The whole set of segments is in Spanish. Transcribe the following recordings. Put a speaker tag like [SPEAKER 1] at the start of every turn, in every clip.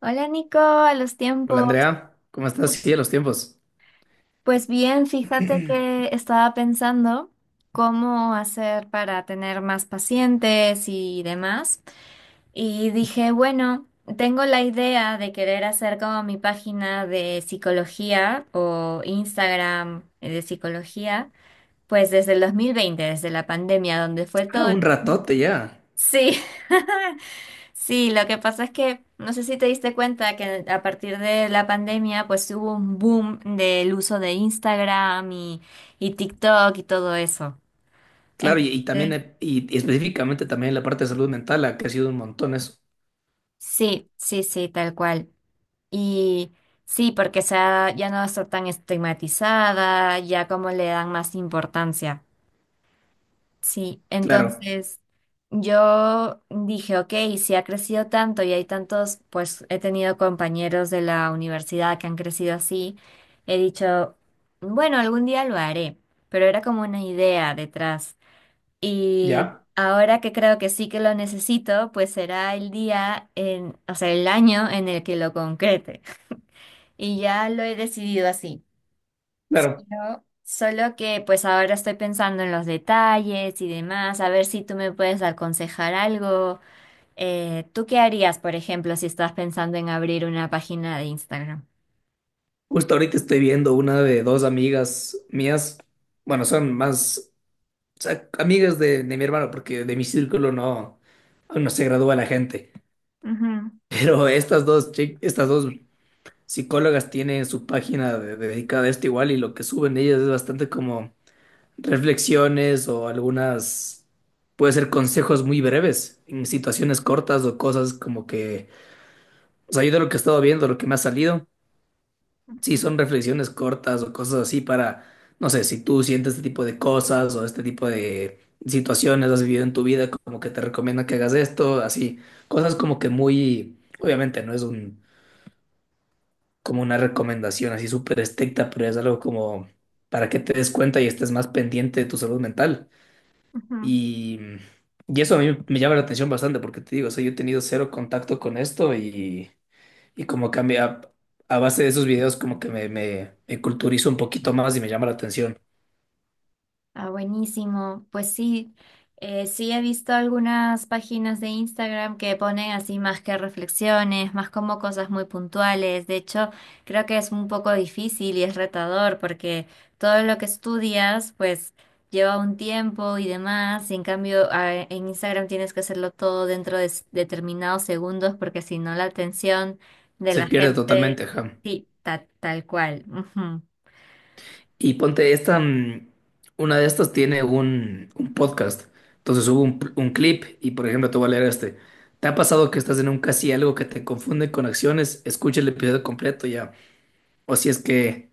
[SPEAKER 1] Hola Nico, a los
[SPEAKER 2] Hola
[SPEAKER 1] tiempos.
[SPEAKER 2] Andrea, ¿cómo estás? Sí, de los tiempos.
[SPEAKER 1] Pues bien, fíjate que estaba pensando cómo hacer para tener más pacientes y demás. Y dije, bueno, tengo la idea de querer hacer como mi página de psicología o Instagram de psicología, pues desde el 2020, desde la pandemia, donde fue
[SPEAKER 2] Ah,
[SPEAKER 1] todo...
[SPEAKER 2] un
[SPEAKER 1] el-
[SPEAKER 2] ratote ya.
[SPEAKER 1] Sí. Sí, lo que pasa es que no sé si te diste cuenta que a partir de la pandemia pues hubo un boom del uso de Instagram y TikTok y todo eso.
[SPEAKER 2] Claro, y también,
[SPEAKER 1] Entonces,
[SPEAKER 2] y específicamente también la parte de salud mental, ah, que ha sido un montón eso.
[SPEAKER 1] sí, sí, sí, tal cual. Y sí, porque ya no está tan estigmatizada, ya como le dan más importancia. Sí,
[SPEAKER 2] Claro,
[SPEAKER 1] entonces yo dije, ok, si ha crecido tanto y hay tantos, pues he tenido compañeros de la universidad que han crecido así, he dicho, bueno, algún día lo haré, pero era como una idea detrás. Y
[SPEAKER 2] ya,
[SPEAKER 1] ahora que creo que sí que lo necesito, pues será el día, o sea, el año en el que lo concrete. Y ya lo he decidido así.
[SPEAKER 2] claro.
[SPEAKER 1] Solo que pues ahora estoy pensando en los detalles y demás, a ver si tú me puedes aconsejar algo. ¿tú qué harías, por ejemplo, si estás pensando en abrir una página de Instagram?
[SPEAKER 2] Justo ahorita estoy viendo una de dos amigas mías, bueno, son más, o sea, amigas de mi hermano, porque de mi círculo no, aún no se gradúa la gente.
[SPEAKER 1] Ujú,
[SPEAKER 2] Pero estas dos, estas dos psicólogas tienen su página de- dedicada a esto igual, y lo que suben ellas es bastante como reflexiones o algunas, puede ser consejos muy breves en situaciones cortas o cosas como que, o sea, yo de lo que he estado viendo, lo que me ha salido, sí
[SPEAKER 1] ujú,
[SPEAKER 2] son reflexiones cortas o cosas así para, no sé, si tú sientes este tipo de cosas o este tipo de situaciones has vivido en tu vida, como que te recomienda que hagas esto, así, cosas como que muy, obviamente no es un, como una recomendación así súper estricta, pero es algo como para que te des cuenta y estés más pendiente de tu salud mental.
[SPEAKER 1] ujú.
[SPEAKER 2] Y, y eso a mí me llama la atención bastante porque te digo, o sea, yo he tenido cero contacto con esto y como cambia a, base de esos videos como que me culturizo un poquito más y me llama la atención.
[SPEAKER 1] Ah, buenísimo. Pues sí, sí he visto algunas páginas de Instagram que ponen así más que reflexiones, más como cosas muy puntuales. De hecho, creo que es un poco difícil y es retador porque todo lo que estudias, pues lleva un tiempo y demás. Y en cambio, en Instagram tienes que hacerlo todo dentro de determinados segundos porque si no la atención de
[SPEAKER 2] Se
[SPEAKER 1] la
[SPEAKER 2] pierde
[SPEAKER 1] gente,
[SPEAKER 2] totalmente, ajá.
[SPEAKER 1] sí, tal cual. Ujú,
[SPEAKER 2] Y ponte esta, una de estas tiene un podcast. Entonces subo un clip y por ejemplo te voy a leer este. ¿Te ha pasado que estás en un casi algo que te confunde con acciones? Escucha el episodio completo ya. O si es que...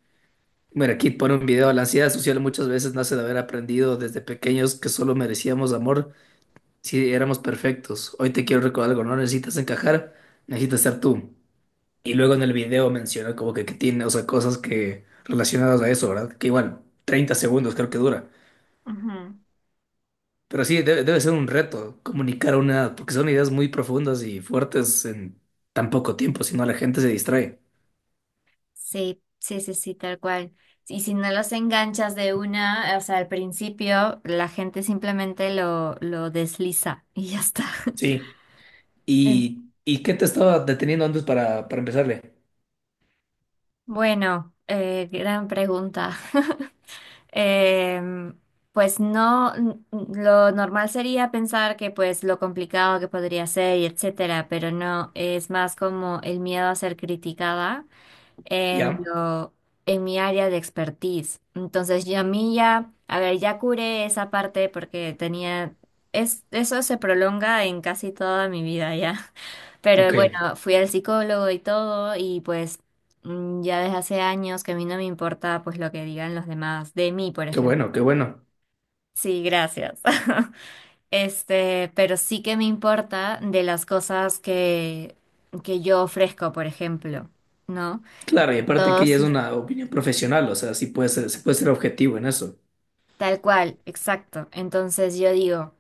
[SPEAKER 2] Mira, aquí pone un video. La ansiedad social muchas veces nace de haber aprendido desde pequeños que solo merecíamos amor si éramos perfectos. Hoy te quiero recordar algo, no necesitas encajar, necesitas ser tú. Y luego en el video menciona como que tiene, o sea, cosas que relacionadas a eso, ¿verdad? Que igual, 30 segundos creo que dura.
[SPEAKER 1] ujú.
[SPEAKER 2] Pero sí, debe ser un reto comunicar una, porque son ideas muy profundas y fuertes en tan poco tiempo, si no la gente se distrae.
[SPEAKER 1] Sí, sí, sí, sí, tal cual. Y si no los enganchas de una, o sea, al principio la gente simplemente lo desliza y ya está.
[SPEAKER 2] Sí.
[SPEAKER 1] En-
[SPEAKER 2] ¿Y qué te estaba deteniendo antes para empezarle?
[SPEAKER 1] Bueno, gran pregunta. Em, pues no, lo normal sería pensar que pues lo complicado que podría ser y etcétera, pero no, es más como el miedo a ser criticada en
[SPEAKER 2] ¿Ya?
[SPEAKER 1] lo, en mi área de expertise. Entonces, yo a mí ya, a ver, ya curé esa parte porque tenía, es, eso se prolonga en casi toda mi vida ya. Pero
[SPEAKER 2] Ok.
[SPEAKER 1] bueno, fui al psicólogo y todo y pues ya desde hace años que a mí no me importa pues lo que digan los demás de mí, por
[SPEAKER 2] Qué
[SPEAKER 1] ejemplo.
[SPEAKER 2] bueno, qué bueno.
[SPEAKER 1] Sí, gracias. Este, pero sí que me importa de las cosas que yo ofrezco, por ejemplo, ¿no?
[SPEAKER 2] Claro, y aparte que ya
[SPEAKER 1] Todos
[SPEAKER 2] es una opinión profesional, o sea, sí puede ser, se puede ser objetivo en eso.
[SPEAKER 1] tal cual, exacto. Entonces yo digo,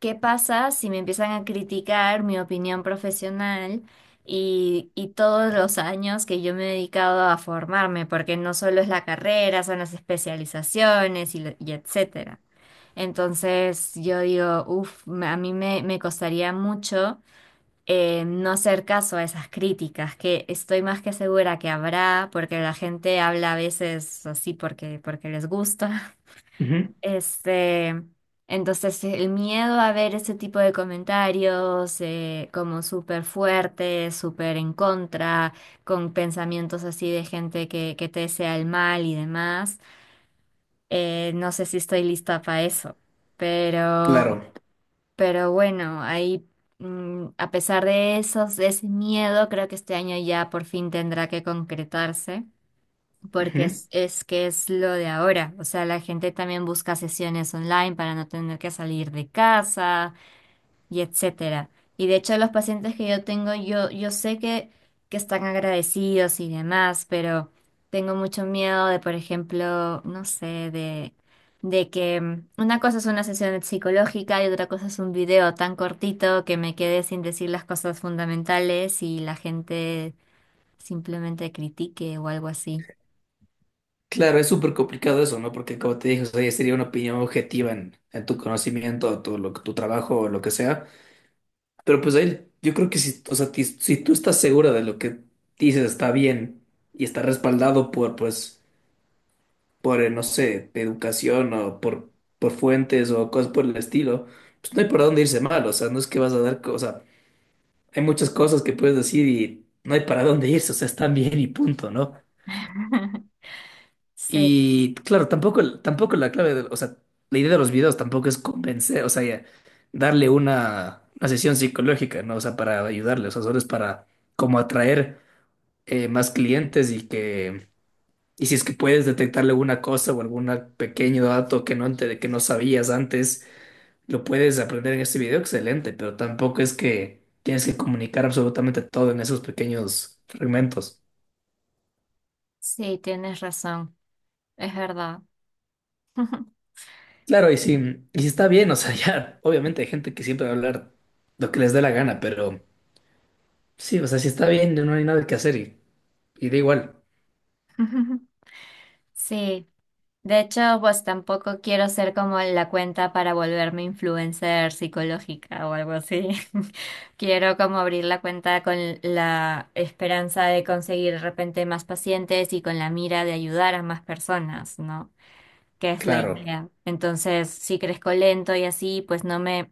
[SPEAKER 1] ¿qué pasa si me empiezan a criticar mi opinión profesional y todos los años que yo me he dedicado a formarme? Porque no solo es la carrera, son las especializaciones y etcétera. Entonces yo digo, uff, a mí me costaría mucho no hacer caso a esas críticas, que estoy más que segura que habrá, porque la gente habla a veces así porque, porque les gusta.
[SPEAKER 2] Ujú.
[SPEAKER 1] Este, entonces el miedo a ver ese tipo de comentarios como súper fuertes, súper en contra, con pensamientos así de gente que te desea el mal y demás, no sé si estoy lista para eso, pero,
[SPEAKER 2] Claro.
[SPEAKER 1] pero bueno, ahí a pesar de ese miedo, creo que este año ya por fin tendrá que concretarse porque
[SPEAKER 2] Ujú.
[SPEAKER 1] es que es lo de ahora. O sea, la gente también busca sesiones online para no tener que salir de casa y etcétera. Y de hecho, los pacientes que yo tengo, yo sé que están agradecidos y demás, pero tengo mucho miedo de, por ejemplo, no sé, de que una cosa es una sesión psicológica y otra cosa es un video tan cortito que me quede sin decir las cosas fundamentales y la gente simplemente critique o algo así.
[SPEAKER 2] Claro, es súper complicado eso, ¿no? Porque como te dije, o sea, ya sería una opinión objetiva en tu conocimiento, tu, lo, tu trabajo o lo que sea. Pero pues ahí, yo creo que si, o sea, ti- si tú estás segura de lo que dices está bien y está respaldado por, pues, por, no sé, educación o por fuentes o cosas por el estilo, pues no hay por dónde irse mal, o sea, no es que vas a dar, co- o sea, hay muchas cosas que puedes decir y no hay para dónde irse, o sea, están bien y punto, ¿no?
[SPEAKER 1] Sí.
[SPEAKER 2] Y claro, tampoco la clave, de- o sea, la idea de los videos tampoco es convencer, o sea, ya, darle una sesión psicológica, ¿no? O sea, para ayudarle, o sea, solo es para como atraer, más clientes y que, y si es que puedes detectarle alguna cosa o algún pequeño dato que no, ente- que no sabías antes, lo puedes aprender en este video, excelente, pero tampoco es que tienes que comunicar absolutamente todo en esos pequeños fragmentos.
[SPEAKER 1] Sí, tienes razón, es verdad.
[SPEAKER 2] Claro, y sí está bien, o sea, ya, obviamente hay gente que siempre va a hablar lo que les dé la gana, pero sí, o sea, si está bien, no hay nada que hacer y da igual,
[SPEAKER 1] Sí, de hecho, pues tampoco quiero ser como la cuenta para volverme influencer psicológica o algo así. Quiero como abrir la cuenta con la esperanza de conseguir de repente más pacientes y con la mira de ayudar a más personas, ¿no? Que es la
[SPEAKER 2] claro.
[SPEAKER 1] idea. Entonces, si crezco lento y así, pues no me,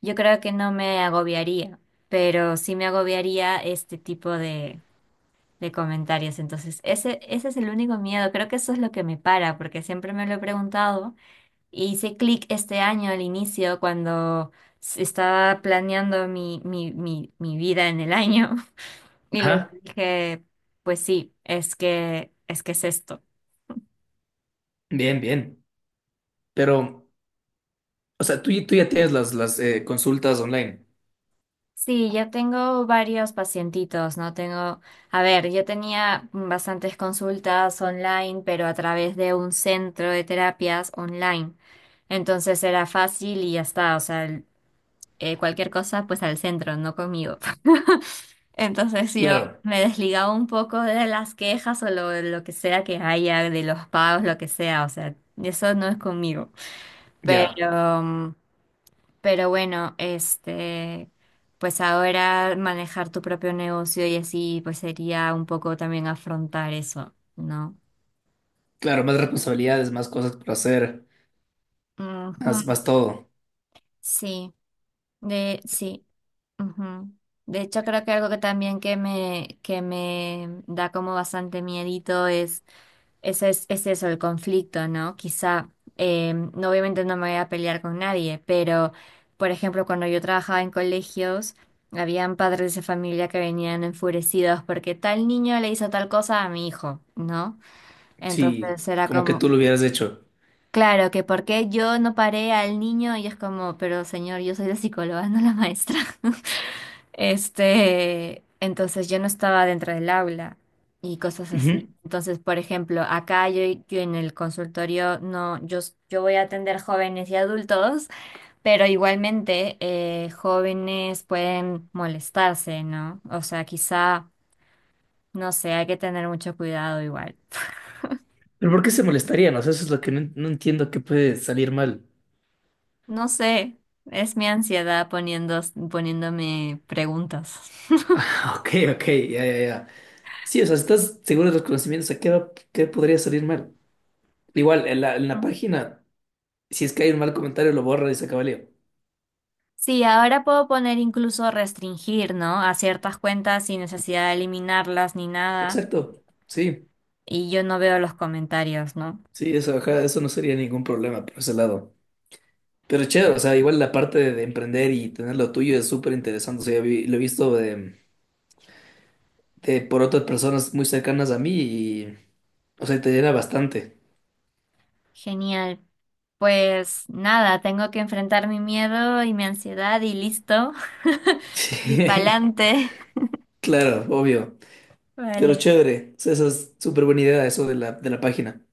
[SPEAKER 1] yo creo que no me agobiaría, pero sí me agobiaría este tipo de comentarios. Entonces, ese es el único miedo. Creo que eso es lo que me para, porque siempre me lo he preguntado. Y hice clic este año al inicio cuando estaba planeando mi, mi, mi, mi vida en el año. Y le
[SPEAKER 2] Ajá,
[SPEAKER 1] dije, pues sí, es que, es que es esto.
[SPEAKER 2] bien, bien. Pero, o sea, tú ya tienes las, consultas online.
[SPEAKER 1] Sí, ya tengo varios pacientitos, ¿no? Tengo, a ver, yo tenía bastantes consultas online, pero a través de un centro de terapias online. Entonces era fácil y ya está. O sea, cualquier cosa, pues al centro, no conmigo. Entonces yo
[SPEAKER 2] Claro,
[SPEAKER 1] me desligaba un poco de las quejas o lo que sea que haya, de los pagos, lo que sea, o sea, eso no es conmigo.
[SPEAKER 2] ya,
[SPEAKER 1] Pero, pero bueno, este, pues ahora manejar tu propio negocio y así, pues sería un poco también afrontar eso, ¿no?
[SPEAKER 2] claro, más responsabilidades, más cosas por hacer, más,
[SPEAKER 1] Ujú.
[SPEAKER 2] más todo.
[SPEAKER 1] Sí, de, sí. Ujú. De hecho, creo que algo que también que me da como bastante miedito es ese es eso, el conflicto, ¿no? Quizá, no, obviamente no me voy a pelear con nadie, pero, por ejemplo, cuando yo trabajaba en colegios, habían padres de familia que venían enfurecidos porque tal niño le hizo tal cosa a mi hijo, ¿no?
[SPEAKER 2] Sí,
[SPEAKER 1] Entonces era
[SPEAKER 2] como que tú
[SPEAKER 1] como,
[SPEAKER 2] lo hubieras hecho.
[SPEAKER 1] claro, que por qué yo no paré al niño y es como, pero señor, yo soy la psicóloga, no la maestra. Este, entonces yo no estaba dentro del aula y cosas así.
[SPEAKER 2] Ujú.
[SPEAKER 1] Entonces, por ejemplo, acá yo, yo en el consultorio no, yo, yo voy a atender jóvenes y adultos, pero igualmente jóvenes pueden molestarse, ¿no? O sea, quizá, no sé, hay que tener mucho cuidado igual.
[SPEAKER 2] ¿Pero por qué se molestarían? O sea, eso es lo que no, no entiendo que puede salir mal.
[SPEAKER 1] No sé, es mi ansiedad poniéndome preguntas.
[SPEAKER 2] Ah, ok, ok, ya, ya, ya. Sí, o sea, estás seguro de los conocimientos, ¿a qué, va- qué podría salir mal? Igual, en la página, si es que hay un mal comentario, lo borra y se acaba el lío.
[SPEAKER 1] Sí, ahora puedo poner incluso restringir, ¿no? A ciertas cuentas sin necesidad de eliminarlas ni nada.
[SPEAKER 2] Exacto, sí,
[SPEAKER 1] Y yo no veo los comentarios, ¿no?
[SPEAKER 2] sí, eso, ajá, eso no sería ningún problema por ese lado. Pero chévere, o sea, igual la parte de emprender y tener lo tuyo es súper interesante. O sea, yo vi- lo he visto de- por otras personas muy cercanas a mí y, o sea, te llena bastante.
[SPEAKER 1] Genial. Pues nada, tengo que enfrentar mi miedo y mi ansiedad y listo. Y
[SPEAKER 2] Sí,
[SPEAKER 1] pa'lante.
[SPEAKER 2] claro, obvio. Pero
[SPEAKER 1] Vale.
[SPEAKER 2] chévere, eso eso es súper buena idea, eso de la página.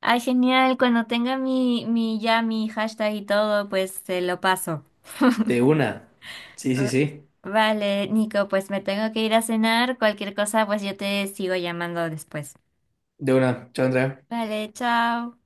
[SPEAKER 1] Ay, genial. Cuando tenga mi ya mi hashtag y todo, pues te lo paso.
[SPEAKER 2] De una. Sí, sí,
[SPEAKER 1] Ah,
[SPEAKER 2] sí.
[SPEAKER 1] vale, Nico, pues me tengo que ir a cenar. Cualquier cosa, pues yo te sigo llamando después.
[SPEAKER 2] De una. Chao, Andrea.
[SPEAKER 1] Vale, chao.